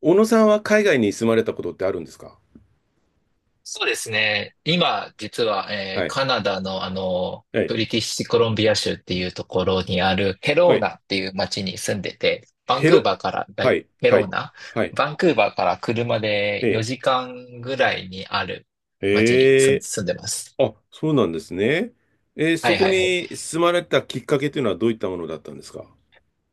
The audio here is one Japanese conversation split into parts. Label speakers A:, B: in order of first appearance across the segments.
A: 小野さんは海外に住まれたことってあるんですか？
B: そうですね。今、実は、
A: はい。
B: カナダの、
A: はい。
B: ブリティッシュコロンビア州っていうところにあるヘ
A: は
B: ロー
A: い。
B: ナっていう町に住んでて、バン
A: ヘ
B: クー
A: ロ、
B: バーから、だ
A: は
B: い
A: い。
B: ヘ
A: は
B: ロー
A: い。
B: ナ
A: はい。
B: バンクーバーから車で
A: ええ。
B: 4時間ぐらいにある町に
A: え
B: 住ん、
A: え。
B: 住んでます。
A: あ、そうなんですね。
B: は
A: そ
B: い
A: こ
B: はいはい。
A: に住まれたきっかけというのはどういったものだったんですか？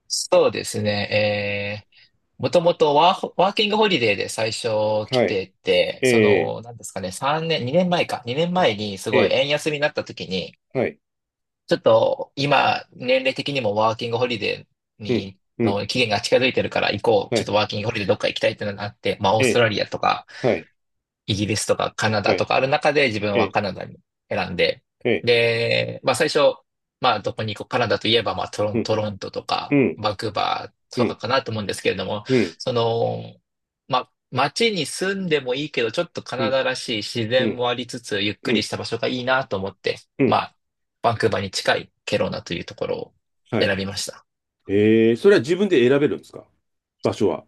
B: そうですね。もともとワーキングホリデーで最初来
A: はい。
B: てて、
A: え
B: そ
A: え。
B: の、なんですかね、3年、2年前か、2年前にす
A: え
B: ごい
A: え。
B: 円安になった時に、
A: はい。
B: ちょっと今、年齢的にもワーキングホリデー
A: うん。
B: に、
A: うん。
B: の期限が近づいてるから行こう。
A: は
B: ちょっ
A: い。
B: とワーキングホリデーどっか行きたいってのがあって、まあ、オー
A: え
B: スト
A: え。
B: ラリアとか、
A: はい。
B: イギリスとかカナ
A: は
B: ダと
A: い。
B: かある中で自分
A: え
B: は
A: え。
B: カナダに選んで、
A: ええ。
B: で、まあ最初、まあどこに行こう、カナダといえばまあ
A: うん。
B: トロントと
A: う
B: か
A: ん。
B: バンクーバー
A: う
B: とか
A: ん。
B: かなと思うんですけれども、
A: うん。
B: その、まあ街に住んでもいいけど、ちょっとカ
A: う
B: ナ
A: ん。
B: ダらしい自
A: う
B: 然
A: ん。
B: もありつつ、ゆっ
A: う
B: くり
A: ん。
B: した場所がいいなと思って、
A: う
B: ま
A: ん。
B: あバンクーバーに近いケロナというところを
A: はい。
B: 選びました。
A: ええ。それは自分で選べるんですか？場所は。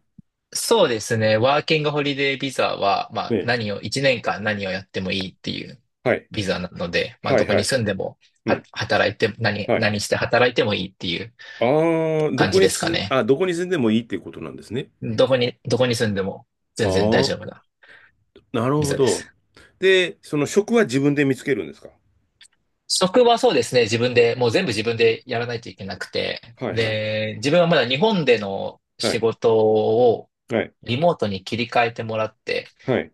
B: そうですね。ワーキングホリデービザは、まあ
A: ね。
B: 1年間何をやってもいいっていう
A: はい。
B: ビザなので、まあ
A: は
B: ど
A: い。
B: こ
A: は
B: に
A: い。
B: 住んでも、
A: うん。
B: 働いて、何、
A: はい。
B: 何して働いてもいいっていう
A: ああ、
B: 感じですかね。
A: どこに住んでもいいっていうことなんですね。
B: どこに住んでも
A: あ
B: 全然大
A: あ、
B: 丈夫な
A: なる
B: ビ
A: ほ
B: ザで
A: ど。
B: す。
A: で、その職は自分で見つけるんですか？
B: 職はそうですね。自分で、もう全部自分でやらないといけなくて。
A: はいはい。
B: で、自分はまだ日本での
A: は
B: 仕
A: い。
B: 事を
A: はい。
B: リモートに切り替えてもらって、
A: はい。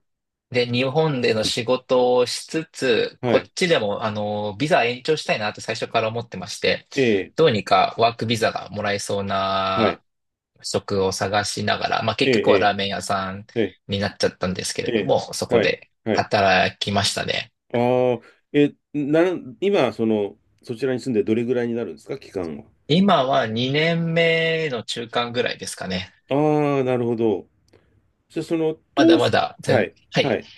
B: で、日本での仕事をしつつ、
A: は
B: こっ
A: い。
B: ちでも、ビザ延長したいなって最初から思ってまして、
A: ええ。
B: どうにかワークビザがもらえそう
A: はい。
B: な職を探しながら、まあ、
A: え
B: 結局はラ
A: え。
B: ーメン屋さん
A: ええ。
B: になっちゃったんですけれ
A: え
B: ど
A: え。
B: も、そこ
A: はい。
B: で
A: はい。
B: 働きましたね。
A: ああ、え、なん、今、その、そちらに住んでどれぐらいになるんですか？期間は。
B: 今は2年目の中間ぐらいですかね。
A: ああ、なるほど。じゃあ、その、
B: ま
A: 当
B: だま
A: 初、
B: だ
A: はい。
B: は
A: は
B: い。
A: い。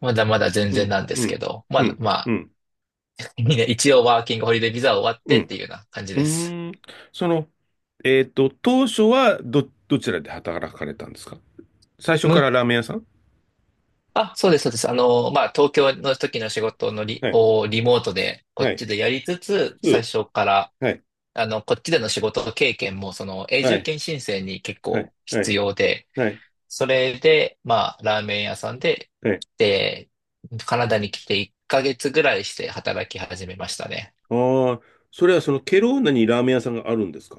B: まだまだ全
A: う
B: 然
A: ん。
B: なんで
A: う
B: すけ
A: ん。
B: ど、
A: う
B: まだ、
A: ん。
B: ま
A: う
B: あ、
A: ん。
B: にねん一応ワーキングホリデービザ終わっ
A: う
B: てっ
A: ん。
B: ていうような感じ
A: う
B: です。
A: ーん、その、当初はどちらで働かれたんですか？最初か
B: 向
A: らラーメン屋さん？
B: あ、そうです、そうです。あの、まあ、東京の時の仕事の
A: はい、
B: をリモートで、こ
A: は
B: っ
A: い、
B: ちでやりつつ、
A: う
B: 最
A: ん、
B: 初から、
A: はい、
B: あの、こっちでの仕事経験も、その、永
A: は
B: 住
A: い、
B: 権申請に結
A: はい、
B: 構
A: は
B: 必
A: い、
B: 要で、
A: はい、
B: それで、まあ、ラーメン屋さんで、
A: はい。
B: で、カナダに来て1ヶ月ぐらいして働き始めましたね。
A: ああ、それはそのケローナにラーメン屋さんがあるんですか？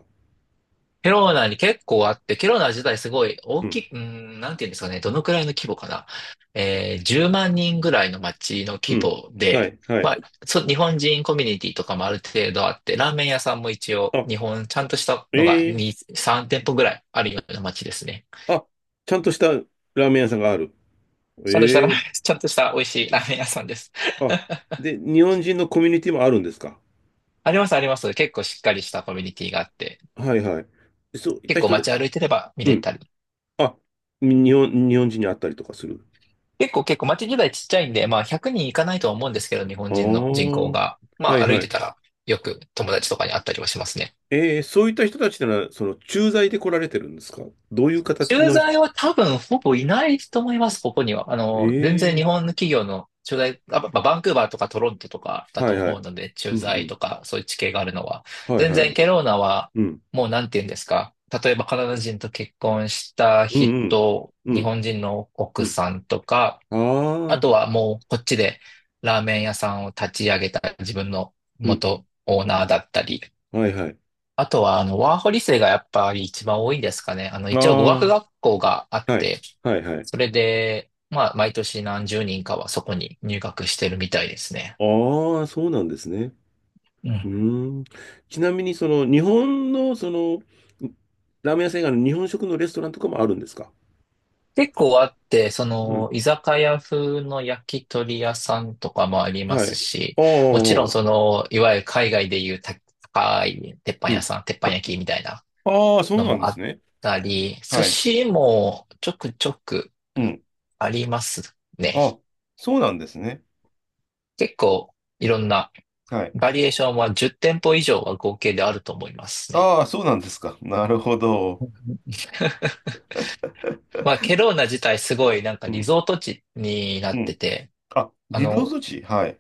B: ケローナに結構あって、ケローナ自体すごい大
A: う
B: き
A: ん、
B: い、なんていうんですかね、どのくらいの規模かな。10万人ぐらいの町の
A: う
B: 規
A: ん、
B: 模
A: は
B: で、
A: い、は
B: ま
A: い。
B: あ、日本人コミュニティとかもある程度あって、ラーメン屋さんも一応、
A: あ、
B: 日本、ちゃんとした
A: え
B: のが
A: え。
B: 2、3店舗ぐらいあるような町ですね。
A: あ、ちゃんとしたラーメン屋さんがある。
B: ちゃんとしたラーメン、
A: ええ。
B: ちゃんとした美味しいラーメン屋さんです。
A: あ、で、日本人のコミュニティもあるんですか？
B: あります、あります。結構しっかりしたコミュニティがあって、
A: はい、はい。そういっ
B: 結
A: た
B: 構
A: 人で、
B: 街歩いてれば見
A: う
B: れ
A: ん、
B: たり。
A: あ、日本人に会ったりとかする。
B: 結構街自体ちっちゃいんで、まあ100人いかないとは思うんですけど、日
A: あ
B: 本人の人
A: あ、
B: 口が。
A: は
B: ま
A: い
B: あ歩い
A: は
B: て
A: い。
B: たらよく友達とかに会ったりはしますね。
A: そういった人たちなら、その、駐在で来られてるんですか？どういう形
B: 駐
A: の人？
B: 在は多分ほぼいないと思います、ここには。あの、全然日
A: ええ
B: 本の企業の駐在、バンクーバーとかトロントとか
A: ー、
B: だ
A: はい
B: と
A: はい。
B: 思うので、
A: う
B: 駐在
A: ん
B: とかそういう地形があるのは。
A: うん。はい
B: 全
A: は
B: 然
A: い。
B: ケローナは
A: うん。
B: もうなんて言うんですか。例えばカナダ人と結婚した
A: うんうん。
B: 人、
A: う
B: 日
A: ん。
B: 本人の
A: う
B: 奥
A: ん。
B: さんとか、
A: あ
B: あ
A: あ、
B: とはもうこっちでラーメン屋さんを立ち上げた自分の
A: うん。
B: 元オーナーだったり、
A: はいはい。
B: あとはあのワーホリ生がやっぱり一番多いんですかね。あの一応語学
A: あ
B: 学校があっ
A: あ、はい。
B: て、
A: はいはい。
B: それで、まあ毎年何十人かはそこに入学してるみたいですね。
A: ああ、そうなんですね。
B: うん。
A: うーん。ちなみに、その、日本の、その、ラーメン屋さん以外の日本食のレストランとかもあるんですか？
B: 結構あって、そ
A: う
B: の
A: ん。
B: 居酒屋風の焼き鳥屋さんとかもありま
A: は
B: す
A: い。
B: し、
A: あ
B: もちろん
A: あ、
B: そのいわゆる海外でいう高い鉄板
A: う
B: 屋
A: ん。
B: さん、鉄板焼きみたいな
A: ああ、そう
B: の
A: なん
B: も
A: で
B: あっ
A: すね。
B: たり、寿
A: はい。
B: 司もちょくちょく
A: うん。
B: ありますね。
A: あ、そうなんですね。
B: 結構いろんな
A: はい。
B: バリエーションは10店舗以上は合計であると思いますね。
A: ああ、そうなんですか。なるほど。
B: まあ、ケローナ自体すごいなんか
A: う
B: リ
A: ん。
B: ゾート地にな
A: う
B: って
A: ん。
B: て、
A: あ、
B: あ
A: 自動措
B: の、
A: 置。はい。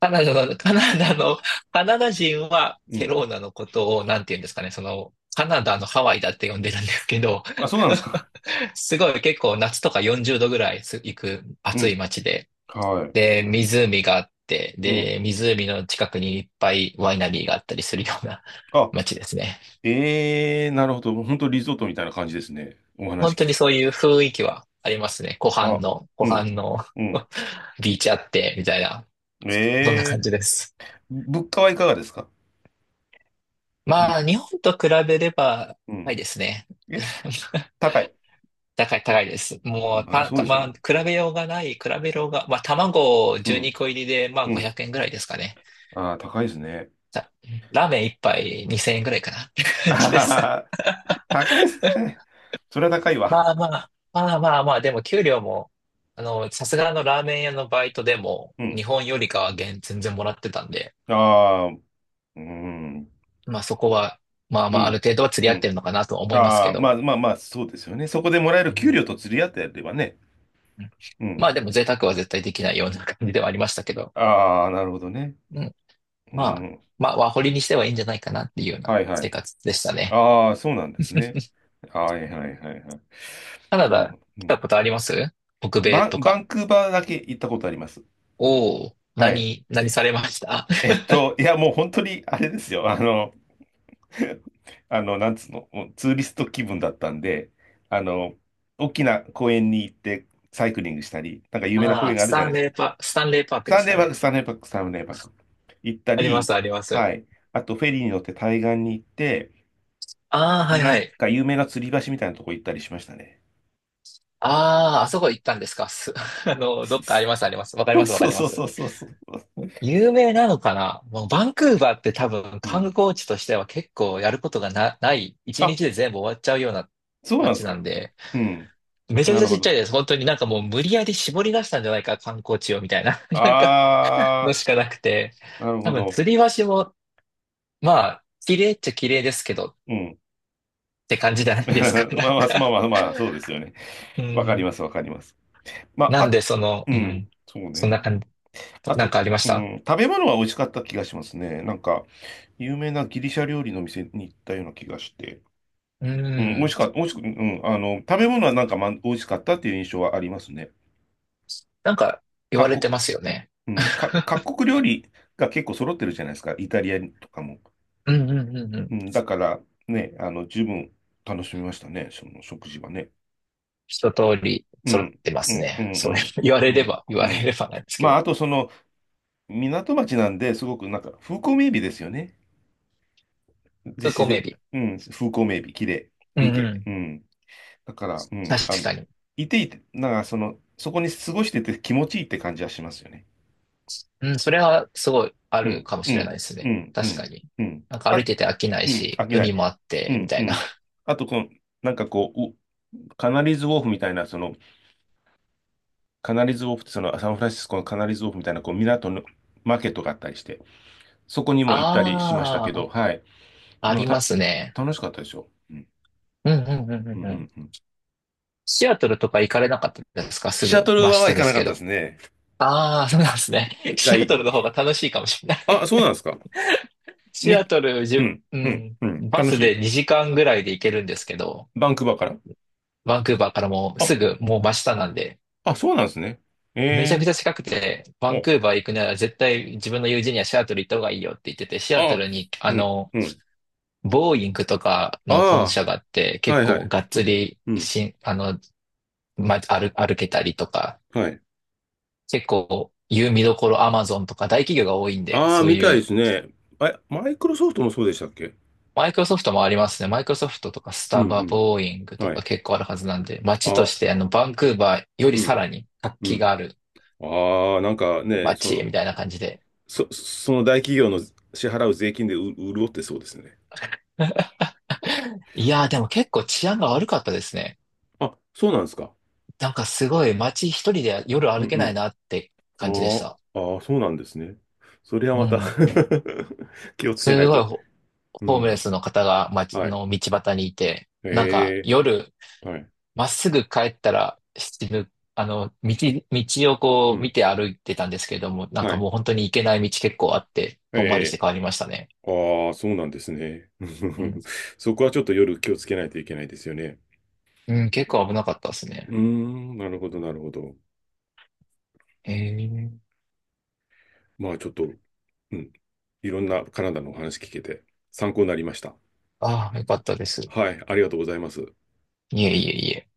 B: カナダの、カナダの、カナダ人は
A: う
B: ケ
A: ん。
B: ローナのことをなんて言うんですかね、その、カナダのハワイだって呼んでるんですけど、
A: あ、そうなんですか。
B: すごい結構夏とか40度ぐらい行く
A: う
B: 暑い
A: ん。
B: 街で、
A: はい。
B: で、湖があって、
A: うん。
B: で、湖の近くにいっぱいワイナリーがあったりするような
A: あ、
B: 街ですね。
A: ええー、なるほど。本当リゾートみたいな感じですね。お話
B: 本当
A: 聞
B: に
A: く。
B: そういう雰囲気はありますね。湖畔
A: あ、
B: の、
A: う
B: 湖
A: ん。
B: 畔の
A: う ん。
B: ビーチあって、みたいな、そんな
A: え
B: 感
A: え
B: じです。
A: ー、物価はいかがですか？ぶ
B: まあ、日本と比べれば、
A: う
B: 高い
A: ん。
B: ですね。
A: え、高い。
B: 高い、高いです。もう、
A: まあ、そうでしょう
B: まあ、
A: ね。
B: 比べようがない、比べようが、まあ、卵
A: う
B: 12
A: ん。
B: 個入りで、まあ、
A: う
B: 500
A: ん。
B: 円ぐらいですかね。
A: ああ、高いですね。
B: さラーメン一杯2000円ぐらいかな。って
A: あ
B: 感
A: は
B: じで
A: は
B: す
A: は、高いですね。それは高いわ。
B: まあまあ、まあまあまあ、でも給料も、あの、さすがのラーメン屋のバイトでも、
A: う
B: 日
A: ん。
B: 本よりかは全然もらってたんで、
A: ああ、うーん。
B: まあそこは、まあ
A: う
B: まあ、ある
A: ん。
B: 程度は釣
A: う
B: り合って
A: ん。
B: るのかなとは思います
A: あ
B: け
A: あ、まあ
B: ど、
A: まあまあ、そうですよね。そこでもらえ
B: う
A: る給
B: ん
A: 料と釣り合ってやればね。
B: うん、
A: う
B: ま
A: ん。
B: あでも贅沢は絶対できないような感じではありましたけど、
A: ああ、なるほどね。
B: うん、
A: う
B: まあ、
A: ん。
B: まあ、ワーホリにしてはいいんじゃないかなっていうような
A: はいは
B: 生
A: い。
B: 活でしたね。
A: ああ、そうなんですね。はいはいはいはい。
B: カナ
A: なる
B: ダ
A: ほど。う
B: 来た
A: ん。
B: ことあります北米と
A: バ
B: か。
A: ンクーバーだけ行ったことあります。
B: おお、
A: はい。
B: 何されました？
A: いや、もう本当にあれですよ。なんつうの、もうツーリスト気分だったんで、あの、大きな公園に行ってサイクリングしたり、なんか 有名な
B: あ
A: 公
B: あ、
A: 園があるじゃないですか。
B: スタンレーパークで
A: サン
B: す
A: デー
B: か
A: バック、
B: ね。
A: サンデーバック、サンデーバック。行った
B: ありま
A: り、
B: す、あります。
A: はい。あと、フェリーに乗って対岸に行って、
B: ああ、はい
A: な
B: は
A: ん
B: い。
A: か有名な吊り橋みたいなとこ行ったりしましたね。
B: ああ、あそこ行ったんですか。あの、どっかあります、あります。わか り
A: そう
B: ます、わか
A: そう
B: りま
A: そうそ
B: す。
A: うそうそう。
B: 有名なのかな。もうバンクーバーって多分
A: う
B: 観
A: ん。
B: 光地としては結構やることがない、一
A: あ、
B: 日で全部終わっちゃうような
A: そうなんで
B: 街
A: す
B: なん
A: か。
B: で、
A: うん。
B: めちゃく
A: な
B: ちゃ
A: る
B: ち
A: ほ
B: っちゃ
A: ど。
B: いです。本当になんかもう無理やり絞り出したんじゃないか、観光地をみたいな、なんか
A: あ
B: のしかなくて、
A: ー、なるほ
B: 多分
A: ど。
B: 吊り橋も、まあ、綺麗っちゃ綺麗ですけどっ
A: うん。
B: て感じじゃない
A: ま
B: ですか、
A: あ
B: な
A: ま
B: ん
A: あ、まあ
B: か。
A: まあ、まあ、そうですよね。
B: う
A: わかり
B: ん。
A: ます、わかります。まあ、
B: なん
A: あ、
B: で、その、
A: う
B: う
A: ん、
B: ん。
A: そう
B: そん
A: ね。
B: な感じ。
A: あ
B: なん
A: と、
B: かありまし
A: う
B: た
A: ん、食べ物は美味しかった気がしますね。なんか、有名なギリシャ料理の店に行ったような気がして、
B: う
A: うん、美味し
B: ん。
A: かった、美味しく、うん、あの、食べ物はなんか、ま、美味しかったっていう印象はありますね。
B: なんか言わ
A: 各
B: れ
A: 国、
B: てますよね。
A: うん、各国料理が結構揃ってるじゃないですか、イタリアとかも。
B: うんうんうんう
A: う
B: ん。
A: ん、だから、ね、あの、十分楽しみましたね、その食事はね。
B: 一通り
A: う
B: 揃っ
A: ん、
B: てま
A: う
B: す
A: ん、う
B: ね。そう
A: ん、
B: 言わ
A: う
B: れ
A: ん、う
B: れ
A: ん、
B: ば、言
A: う
B: われれ
A: ん。
B: ばなんですけ
A: まあ、あ
B: ど。
A: とその、港町なんで、すごくなんか、風光明媚ですよね。で、
B: そう、
A: 自
B: コメ
A: 然、
B: ビ。
A: うん、風光明媚、綺麗、
B: うん
A: 風
B: う
A: 景。
B: ん。
A: うん。だから、うん、あ
B: 確
A: の、
B: かに。
A: いていて、なんかその、そこに過ごしてて気持ちいいって感じはしますよね。
B: うん、それはすごいあ
A: う
B: る
A: ん、
B: かも
A: う
B: しれない
A: ん、
B: です
A: う
B: ね。
A: ん、う
B: 確か
A: ん、
B: に。
A: うん。
B: なんか歩い
A: あ、
B: てて飽きない
A: うん、
B: し、
A: 飽きない。
B: 海もあっ
A: う
B: て、み
A: ん、
B: た
A: う
B: いな。
A: ん。あと、この、なんかこう、カナリーズウォーフみたいな、その、カナリーズウォーフってその、サンフランシスコのカナリーズウォーフみたいな、こう、港のマーケットがあったりして、そこにも行ったりしましたけ
B: ああ、
A: ど、はい。
B: あ
A: なん
B: りま
A: か
B: すね。
A: 楽しかったでしょ。うん、
B: うんうんうんう
A: うん、う
B: んうん。
A: ん。うん。
B: シアトルとか行かれなかったですかす
A: シャ
B: ぐ
A: トル
B: 真
A: は
B: 下
A: 行
B: で
A: かな
B: す
A: かっ
B: け
A: た
B: ど。
A: ですね。い
B: ああ、そうなんですね。
A: 一
B: シア
A: 回。
B: トルの方が楽しいかもしれな
A: あ、
B: い
A: そうなんですか。
B: シ
A: 日
B: アトル、
A: う
B: 自
A: ん、うん、
B: 分、
A: う
B: う
A: ん。
B: ん、バ
A: 楽し
B: スで
A: い。
B: 2時間ぐらいで行けるんですけど、
A: バンクーバーから。
B: バンクーバーからもうす
A: あ、
B: ぐもう真下なんで、
A: あ、そうなんですね。
B: めちゃくち
A: え
B: ゃ近くて、バ
A: え。
B: ンク
A: お、
B: ーバー行くなら絶対自分の友人にはシアトル行った方がいいよって言ってて、シアト
A: あ、
B: ルに、あ
A: うん、
B: の、
A: うん。
B: ボーイングとかの本
A: あ
B: 社があって、
A: あ、は
B: 結
A: いは
B: 構
A: い。
B: がっ
A: う
B: つ
A: ん、
B: り
A: うん、
B: あの、歩けたりとか、
A: はい。
B: 結構、見どころアマゾンとか大企業が多いんで、
A: ああ、
B: そう
A: み
B: い
A: たいで
B: う
A: すね。え、マイクロソフトもそうでしたっけ？
B: マイクロソフトもありますね。マイクロソフトとかス
A: うん、
B: タ
A: う
B: バ、ボーイング
A: ん。
B: と
A: は
B: か
A: い。
B: 結構あるはずなんで、街と
A: あ、
B: してあのバンクーバーより
A: う
B: さ
A: ん、
B: らに活
A: う
B: 気
A: ん。
B: がある
A: ああ、なんかね、そ
B: 街
A: の、
B: みたいな感じで。
A: その大企業の支払う税金で潤ってそうですね。
B: いやーでも結構治安が悪かったですね。
A: あ、そうなんですか。
B: なんかすごい街一人で夜
A: う
B: 歩
A: ん
B: け
A: う
B: ない
A: ん。
B: なって感じでし
A: あ
B: た。
A: ああー、そうなんですね。それは
B: う
A: また
B: ん。
A: 気をつけな
B: す
A: いと。
B: ごいホ、
A: う
B: ホームレ
A: ん。
B: スの方が街
A: はい。
B: の道端にいて、なんか
A: ええ。
B: 夜
A: はい。
B: まっすぐ帰ったら死ぬ、あの、道を
A: う
B: こう見
A: ん。
B: て歩いてたんですけれども、なん
A: は
B: か
A: い。
B: もう本当に行けない道結構あって、
A: ええ。
B: 遠回
A: え
B: りして
A: え。
B: 帰りましたね。
A: ああ、そうなんですね。
B: うん。
A: そこはちょっと夜気をつけないといけないですよね。
B: うん、結構危なかったです
A: うー
B: ね。
A: ん、なるほど、なるほど。
B: ええ
A: まあちょっと、うん。いろんなカナダのお話聞けて参考になりました。
B: ああ、よかったです。
A: はい、ありがとうございます。
B: いえいえいえ。